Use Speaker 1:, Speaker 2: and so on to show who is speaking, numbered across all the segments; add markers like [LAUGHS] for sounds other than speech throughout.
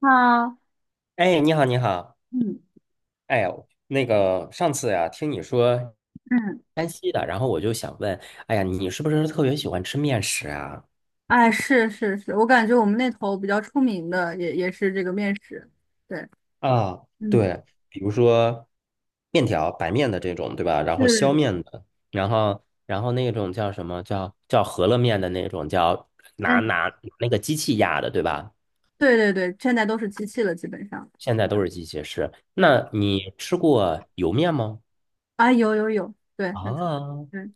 Speaker 1: 啊，
Speaker 2: 哎，你好，你好，
Speaker 1: 嗯
Speaker 2: 哎呦，那个上次呀、听你说
Speaker 1: 嗯，
Speaker 2: 山西的，然后我就想问，哎呀，你是不是特别喜欢吃面食啊？
Speaker 1: 哎，是是是，我感觉我们那头比较出名的也是这个面食，对，
Speaker 2: 啊，
Speaker 1: 嗯，
Speaker 2: 对，比如说面条、白面的这种，对吧？然后削
Speaker 1: 是，
Speaker 2: 面的，然后那种叫什么叫饸饹面的那种，叫拿
Speaker 1: 哎，
Speaker 2: 拿拿那个机器压的，对吧？
Speaker 1: 对对对，现在都是机器了，基本上，
Speaker 2: 现在都是机械式。
Speaker 1: 对，
Speaker 2: 那你吃过油面吗？
Speaker 1: 啊，有有有，对，
Speaker 2: 啊，
Speaker 1: 对，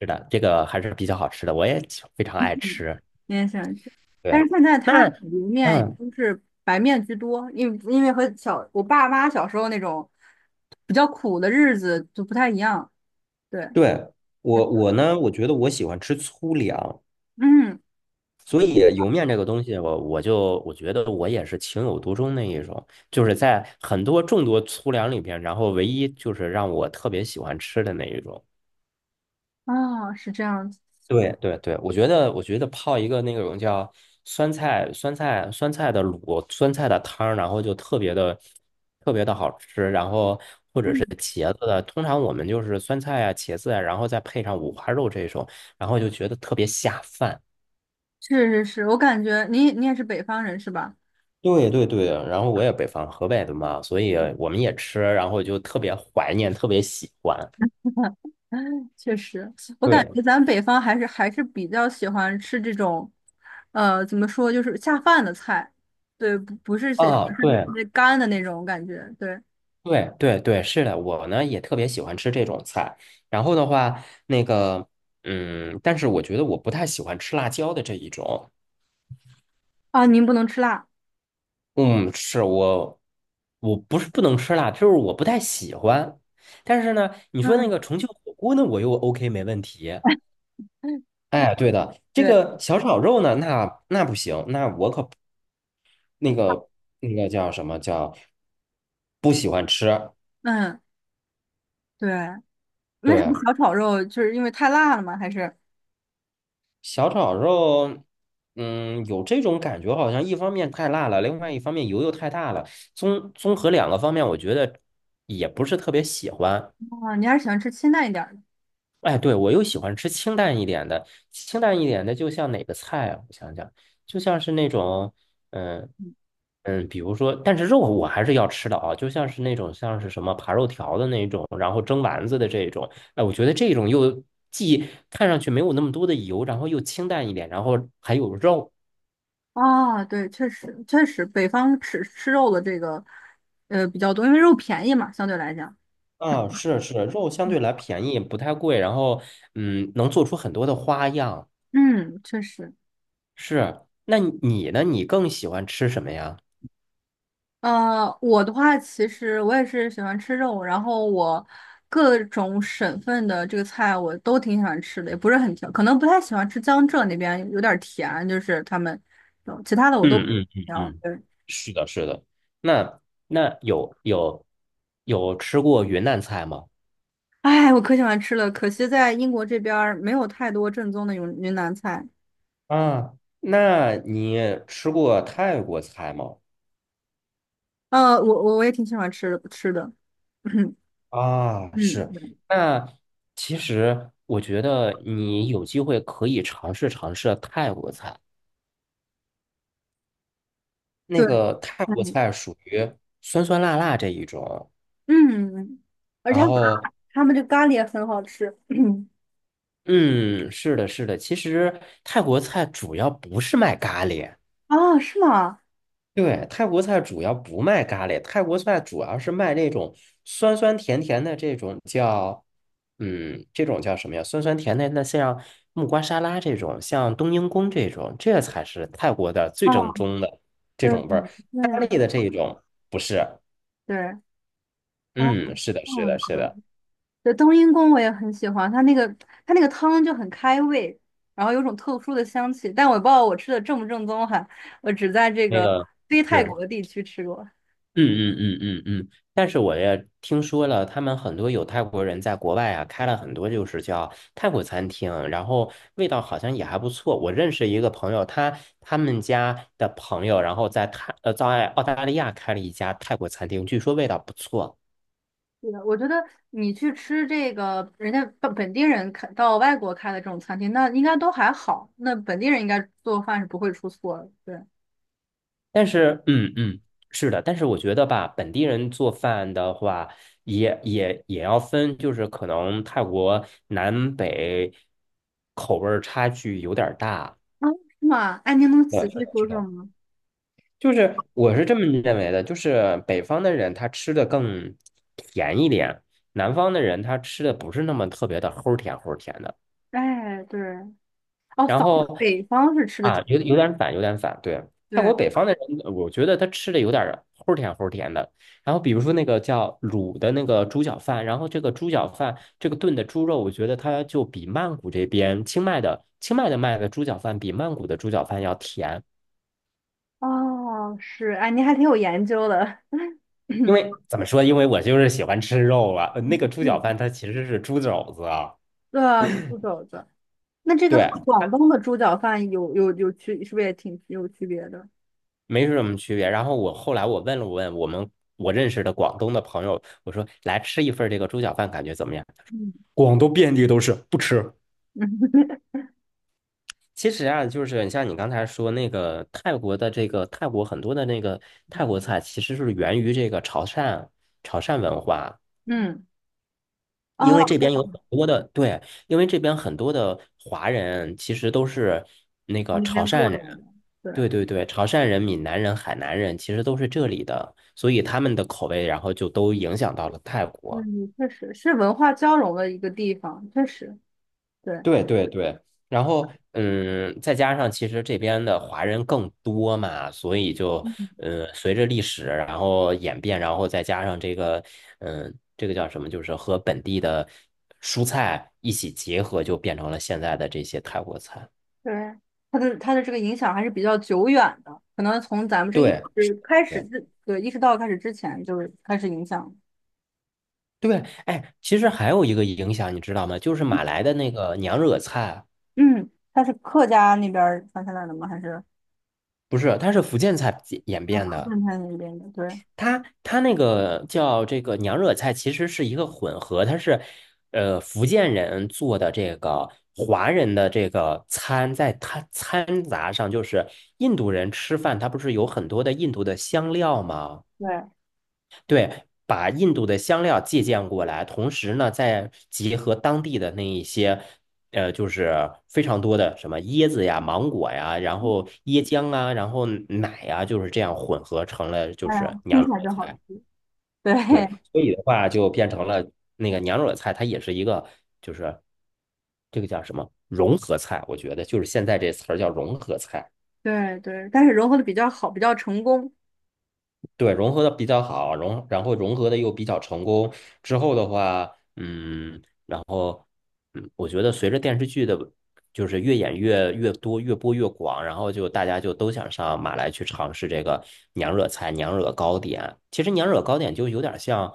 Speaker 2: 是的，这个还是比较好吃的，我也非常爱
Speaker 1: 嗯，
Speaker 2: 吃。
Speaker 1: 你也喜欢吃，但
Speaker 2: 对，
Speaker 1: 是现在它
Speaker 2: 那
Speaker 1: 里面也
Speaker 2: 嗯，
Speaker 1: 都是白面居多，因为我爸妈小时候那种比较苦的日子就不太一样，对，
Speaker 2: 对，我呢，我觉得我喜欢吃粗粮，
Speaker 1: 嗯，
Speaker 2: 所以油面这个东西我觉得我也是情有独钟那一种，就是在很多众多粗粮里边，然后唯一就是让我特别喜欢吃的那一种。
Speaker 1: 哦，是这样子。
Speaker 2: 对对对，我觉得，我觉得泡一个那种叫酸菜、酸菜、酸菜的卤、酸菜的汤儿，然后就特别的、特别的好吃。然后或者
Speaker 1: 嗯。
Speaker 2: 是茄子的，通常我们就是酸菜啊、茄子啊，然后再配上五花肉这种，然后就觉得特别下饭。
Speaker 1: 是是是，我感觉你也是北方人是吧？
Speaker 2: 对对对，然后我也北方河北的嘛，所以我们也吃，然后就特别怀念，特别喜欢。
Speaker 1: [LAUGHS] 确实，我感
Speaker 2: 对
Speaker 1: 觉咱北方还是比较喜欢吃这种，怎么说，就是下饭的菜，对，不是
Speaker 2: 啊，
Speaker 1: 不是就是特
Speaker 2: 对，
Speaker 1: 别干的那种感觉，对
Speaker 2: 对对对，是的，我呢也特别喜欢吃这种菜。然后的话，那个，但是我觉得我不太喜欢吃辣椒的这一种。
Speaker 1: 啊，您不能吃辣，
Speaker 2: 嗯，是我，我不是不能吃辣，就是我不太喜欢。但是呢，你说那
Speaker 1: 嗯，
Speaker 2: 个重庆火锅呢，我又 OK 没问题。哎，对的，这
Speaker 1: 对，
Speaker 2: 个小炒肉呢，那不行，那我可不，那个那个叫什么不喜欢吃。
Speaker 1: 嗯，对，为什么
Speaker 2: 对，
Speaker 1: 小炒肉就是因为太辣了吗？还是
Speaker 2: 小炒肉，有这种感觉，好像一方面太辣了，另外一方面油又太大了。综合两个方面，我觉得也不是特别喜欢。
Speaker 1: 啊，你还是喜欢吃清淡一点儿的
Speaker 2: 哎，对，我又喜欢吃清淡一点的，清淡一点的，就像哪个菜啊？我想想，就像是那种，嗯比如说，但是肉我还是要吃的啊，就像是那种像是什么扒肉条的那种，然后蒸丸子的这种，哎，我觉得这种既看上去没有那么多的油，然后又清淡一点，然后还有肉。
Speaker 1: 啊？对，确实确实，北方吃肉的这个比较多，因为肉便宜嘛，相对来讲。
Speaker 2: 啊，是是，肉相对来便宜，不太贵，然后能做出很多的花样。
Speaker 1: 嗯，确实，
Speaker 2: 是，那你呢？你更喜欢吃什么呀？
Speaker 1: 我的话，其实我也是喜欢吃肉，然后我各种省份的这个菜我都挺喜欢吃的，也不是很挑，可能不太喜欢吃江浙那边有点儿甜，就是他们，其他的我都
Speaker 2: 嗯
Speaker 1: 不
Speaker 2: 嗯嗯
Speaker 1: 挑。
Speaker 2: 嗯，
Speaker 1: 对，
Speaker 2: 是的，是的。那那有吃过云南菜吗？
Speaker 1: 哎，我可喜欢吃了，可惜在英国这边儿没有太多正宗的云南菜。
Speaker 2: 啊，那你吃过泰国菜吗？
Speaker 1: 我也挺喜欢吃的，[CLEARS THROAT] 嗯，
Speaker 2: 啊，是。那其实我觉得你有机会可以尝试尝试泰国菜。那
Speaker 1: 对，
Speaker 2: 个泰
Speaker 1: 嗯
Speaker 2: 国
Speaker 1: 嗯，
Speaker 2: 菜属于酸酸辣辣这一种，
Speaker 1: 嗯嗯而
Speaker 2: 然
Speaker 1: 且
Speaker 2: 后
Speaker 1: 他们这咖喱也很好吃。[CLEARS THROAT]
Speaker 2: 嗯，是的，是的，其实泰国菜主要不是卖咖喱，
Speaker 1: 啊，是吗？
Speaker 2: 对，泰国菜主要不卖咖喱，泰国菜主要是卖那种酸酸甜甜的这种叫，这种叫什么呀？酸酸甜甜的，像木瓜沙拉这种，像冬阴功这种，这才是泰国的最正
Speaker 1: 哦，
Speaker 2: 宗的这
Speaker 1: 对
Speaker 2: 种味儿，
Speaker 1: 对
Speaker 2: 咖喱的这一种不是，
Speaker 1: 对，啊，
Speaker 2: 嗯，是的，
Speaker 1: 这
Speaker 2: 是
Speaker 1: 样
Speaker 2: 的，是的，
Speaker 1: 子，对，冬阴功我也很喜欢，它那个汤就很开胃，然后有种特殊的香气，但我不知道我吃的正不正宗哈，我只在这
Speaker 2: 那
Speaker 1: 个
Speaker 2: 个。
Speaker 1: 非泰
Speaker 2: 是。
Speaker 1: 国的地区吃过。
Speaker 2: 嗯嗯嗯嗯嗯，但是我也听说了，他们很多有泰国人在国外啊，开了很多就是叫泰国餐厅，然后味道好像也还不错。我认识一个朋友，他们家的朋友，然后在澳大利亚开了一家泰国餐厅，据说味道不错。
Speaker 1: 对的，我觉得你去吃这个人家本地人开到外国开的这种餐厅，那应该都还好，那本地人应该做饭是不会出错的，对。
Speaker 2: 但是，是的，但是我觉得吧，本地人做饭的话，也要分，就是可能泰国南北口味儿差距有点儿大。
Speaker 1: 啊，是吗？哎，您能
Speaker 2: 对，
Speaker 1: 仔
Speaker 2: 是
Speaker 1: 细
Speaker 2: 的，
Speaker 1: 说
Speaker 2: 是
Speaker 1: 说
Speaker 2: 的。
Speaker 1: 吗？
Speaker 2: 就是我是这么认为的，就是北方的人他吃的更甜一点，南方的人他吃的不是那么特别的齁甜齁甜的。
Speaker 1: 哎，对，哦，
Speaker 2: 然后
Speaker 1: 北方是吃的
Speaker 2: 啊，
Speaker 1: 挺，
Speaker 2: 有点反，有点反，对。泰国
Speaker 1: 对。
Speaker 2: 北方的人，我觉得他吃的有点儿齁甜齁甜的。然后比如说那个叫卤的那个猪脚饭，然后这个猪脚饭这个炖的猪肉，我觉得它就比曼谷这边清迈的卖的猪脚饭比曼谷的猪脚饭要甜。
Speaker 1: 哦，是，哎，您还挺有研究的。
Speaker 2: 因为
Speaker 1: [CLEARS THROAT]
Speaker 2: 怎么说？因为我就是喜欢吃肉了。那个猪脚
Speaker 1: 对，
Speaker 2: 饭它其实是猪肘子啊，
Speaker 1: 对啊，是猪肘子。那这个
Speaker 2: 对，
Speaker 1: 广
Speaker 2: 它
Speaker 1: 东的猪脚饭有有有区，是不是也挺有区别的？
Speaker 2: 没什么区别。然后我后来问了问我认识的广东的朋友，我说来吃一份儿这个猪脚饭，感觉怎么样？
Speaker 1: 嗯
Speaker 2: 广东遍地都是，不吃。
Speaker 1: 嗯 [LAUGHS]
Speaker 2: 其实啊，就是你像你刚才说那个泰国的这个泰国很多的那个泰国菜，其实是源于这个潮汕文化。
Speaker 1: 嗯，哦，
Speaker 2: 因为这边有很多的，对，因为这边很多的华人其实都是那
Speaker 1: 从
Speaker 2: 个
Speaker 1: 那
Speaker 2: 潮
Speaker 1: 边
Speaker 2: 汕
Speaker 1: 过
Speaker 2: 人，
Speaker 1: 来的，对，
Speaker 2: 对对对，潮汕人、闽南人、海南人其实都是这里的，所以他们的口味，然后就都影响到了泰国。
Speaker 1: 嗯，确实是文化交融的一个地方，确实，对，
Speaker 2: 对对对，然后再加上其实这边的华人更多嘛，所以就
Speaker 1: 嗯，
Speaker 2: 随着历史然后演变，然后再加上这个叫什么，就是和本地的蔬菜一起结合，就变成了现在的这些泰国菜。
Speaker 1: 对，它的这个影响还是比较久远的，可能从咱们这意
Speaker 2: 对，是
Speaker 1: 识开始
Speaker 2: 的
Speaker 1: 之，对，意识到开始之前就是开始影响。
Speaker 2: 对对，哎，其实还有一个影响，你知道吗？就是马来的那个娘惹菜，
Speaker 1: 嗯，它是客家那边儿传下来的吗？还是？
Speaker 2: 不是，它是福建菜演变的。
Speaker 1: 炖菜那边的，对
Speaker 2: 它它那个叫这个娘惹菜，其实是一个混合，它是福建人做的这个华人的这个餐，在它掺杂上，就是印度人吃饭，它不是有很多的印度的香料吗？
Speaker 1: 对，哎
Speaker 2: 对，把印度的香料借鉴过来，同时呢，再结合当地的那一些。就是非常多的什么椰子呀、芒果呀，然后椰浆啊，然后奶呀，就是这样混合成了就是
Speaker 1: 呀，听
Speaker 2: 娘
Speaker 1: 起来
Speaker 2: 惹
Speaker 1: 就好吃，
Speaker 2: 菜。
Speaker 1: 对
Speaker 2: 对，
Speaker 1: [LAUGHS]
Speaker 2: 所以的话就变成了那个娘惹菜，它也是一个就是这个叫什么融合菜，我觉得就是现在这词儿叫融合菜。
Speaker 1: 对对，但是融合的比较好，比较成功，
Speaker 2: 对，融合的比较好，然后融合的又比较成功。之后的话，然后我觉得随着电视剧的，就是越演越多，越播越广，然后就大家就都想上马来去尝试这个娘惹菜、娘惹糕点。其实娘惹糕点就有点像，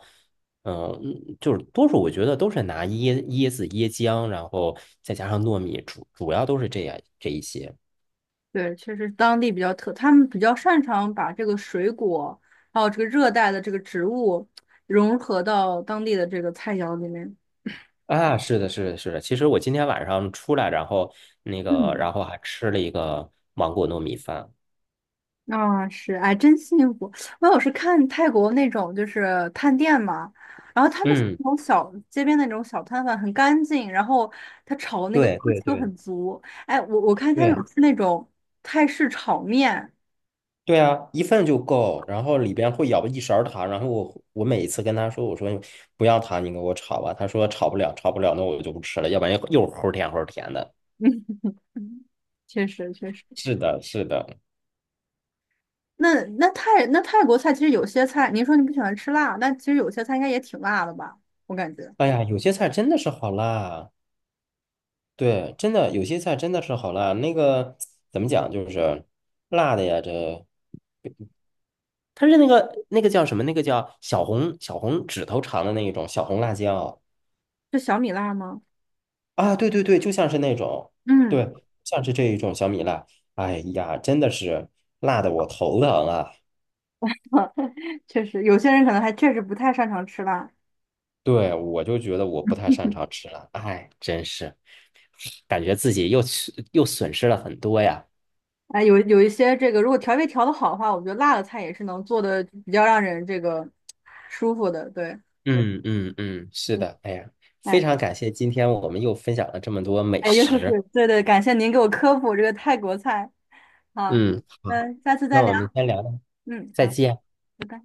Speaker 2: 就是多数我觉得都是拿椰子、椰浆，然后再加上糯米，主要都是这样这一些。
Speaker 1: 对，确实当地比较特，他们比较擅长把这个水果，还有这个热带的这个植物融合到当地的这个菜肴里面，
Speaker 2: 啊，是的，是的，是的。其实我今天晚上出来，然后那个，
Speaker 1: 嗯。
Speaker 2: 然后还吃了一个芒果糯米饭。
Speaker 1: 啊、是，哎，真幸福！我有时看泰国那种就是探店嘛，然后他们
Speaker 2: 嗯，
Speaker 1: 那种小街边的那种小摊贩很干净，然后他炒的那个
Speaker 2: 对
Speaker 1: 锅
Speaker 2: 对
Speaker 1: 气都
Speaker 2: 对
Speaker 1: 很足。哎，我看他有
Speaker 2: 对
Speaker 1: 吃那种泰式炒面，
Speaker 2: 对啊，一份就够，然后里边会舀一勺糖，然后我每一次跟他说，我说不要糖，你给我炒吧。他说炒不了，炒不了，那我就不吃了，要不然又齁甜齁甜的。
Speaker 1: 嗯，确实确实。
Speaker 2: 是的，是的。
Speaker 1: 那那泰那泰国菜其实有些菜，您说你不喜欢吃辣，但其实有些菜应该也挺辣的吧？我感觉，
Speaker 2: 哎呀，有些菜真的是好辣，对，真的有些菜真的是好辣。那个怎么讲，就是辣的呀，这。它是那个那个叫什么？那个叫小红指头长的那一种小红辣椒
Speaker 1: 就小米辣吗？
Speaker 2: 啊！对对对，就像是那种，
Speaker 1: 嗯，
Speaker 2: 对，像是这一种小米辣。哎呀，真的是辣的我头疼啊！
Speaker 1: [LAUGHS] 确实，有些人可能还确实不太擅长吃辣。
Speaker 2: 对，我就觉得我不太擅长吃辣，哎，真是感觉自己又吃又损失了很多呀。
Speaker 1: 哎，有一些这个，如果调味调的好的话，我觉得辣的菜也是能做的比较让人这个舒服的。对，
Speaker 2: 嗯嗯嗯，是的，哎呀，非
Speaker 1: 哎
Speaker 2: 常感谢今天我们又分享了这么多美
Speaker 1: 哎，又是
Speaker 2: 食。
Speaker 1: 对对，感谢您给我科普这个泰国菜啊。
Speaker 2: 嗯，好，
Speaker 1: 嗯，下次
Speaker 2: 那
Speaker 1: 再聊。
Speaker 2: 我们先聊聊，
Speaker 1: 嗯，
Speaker 2: 再
Speaker 1: 好，
Speaker 2: 见。
Speaker 1: 拜拜。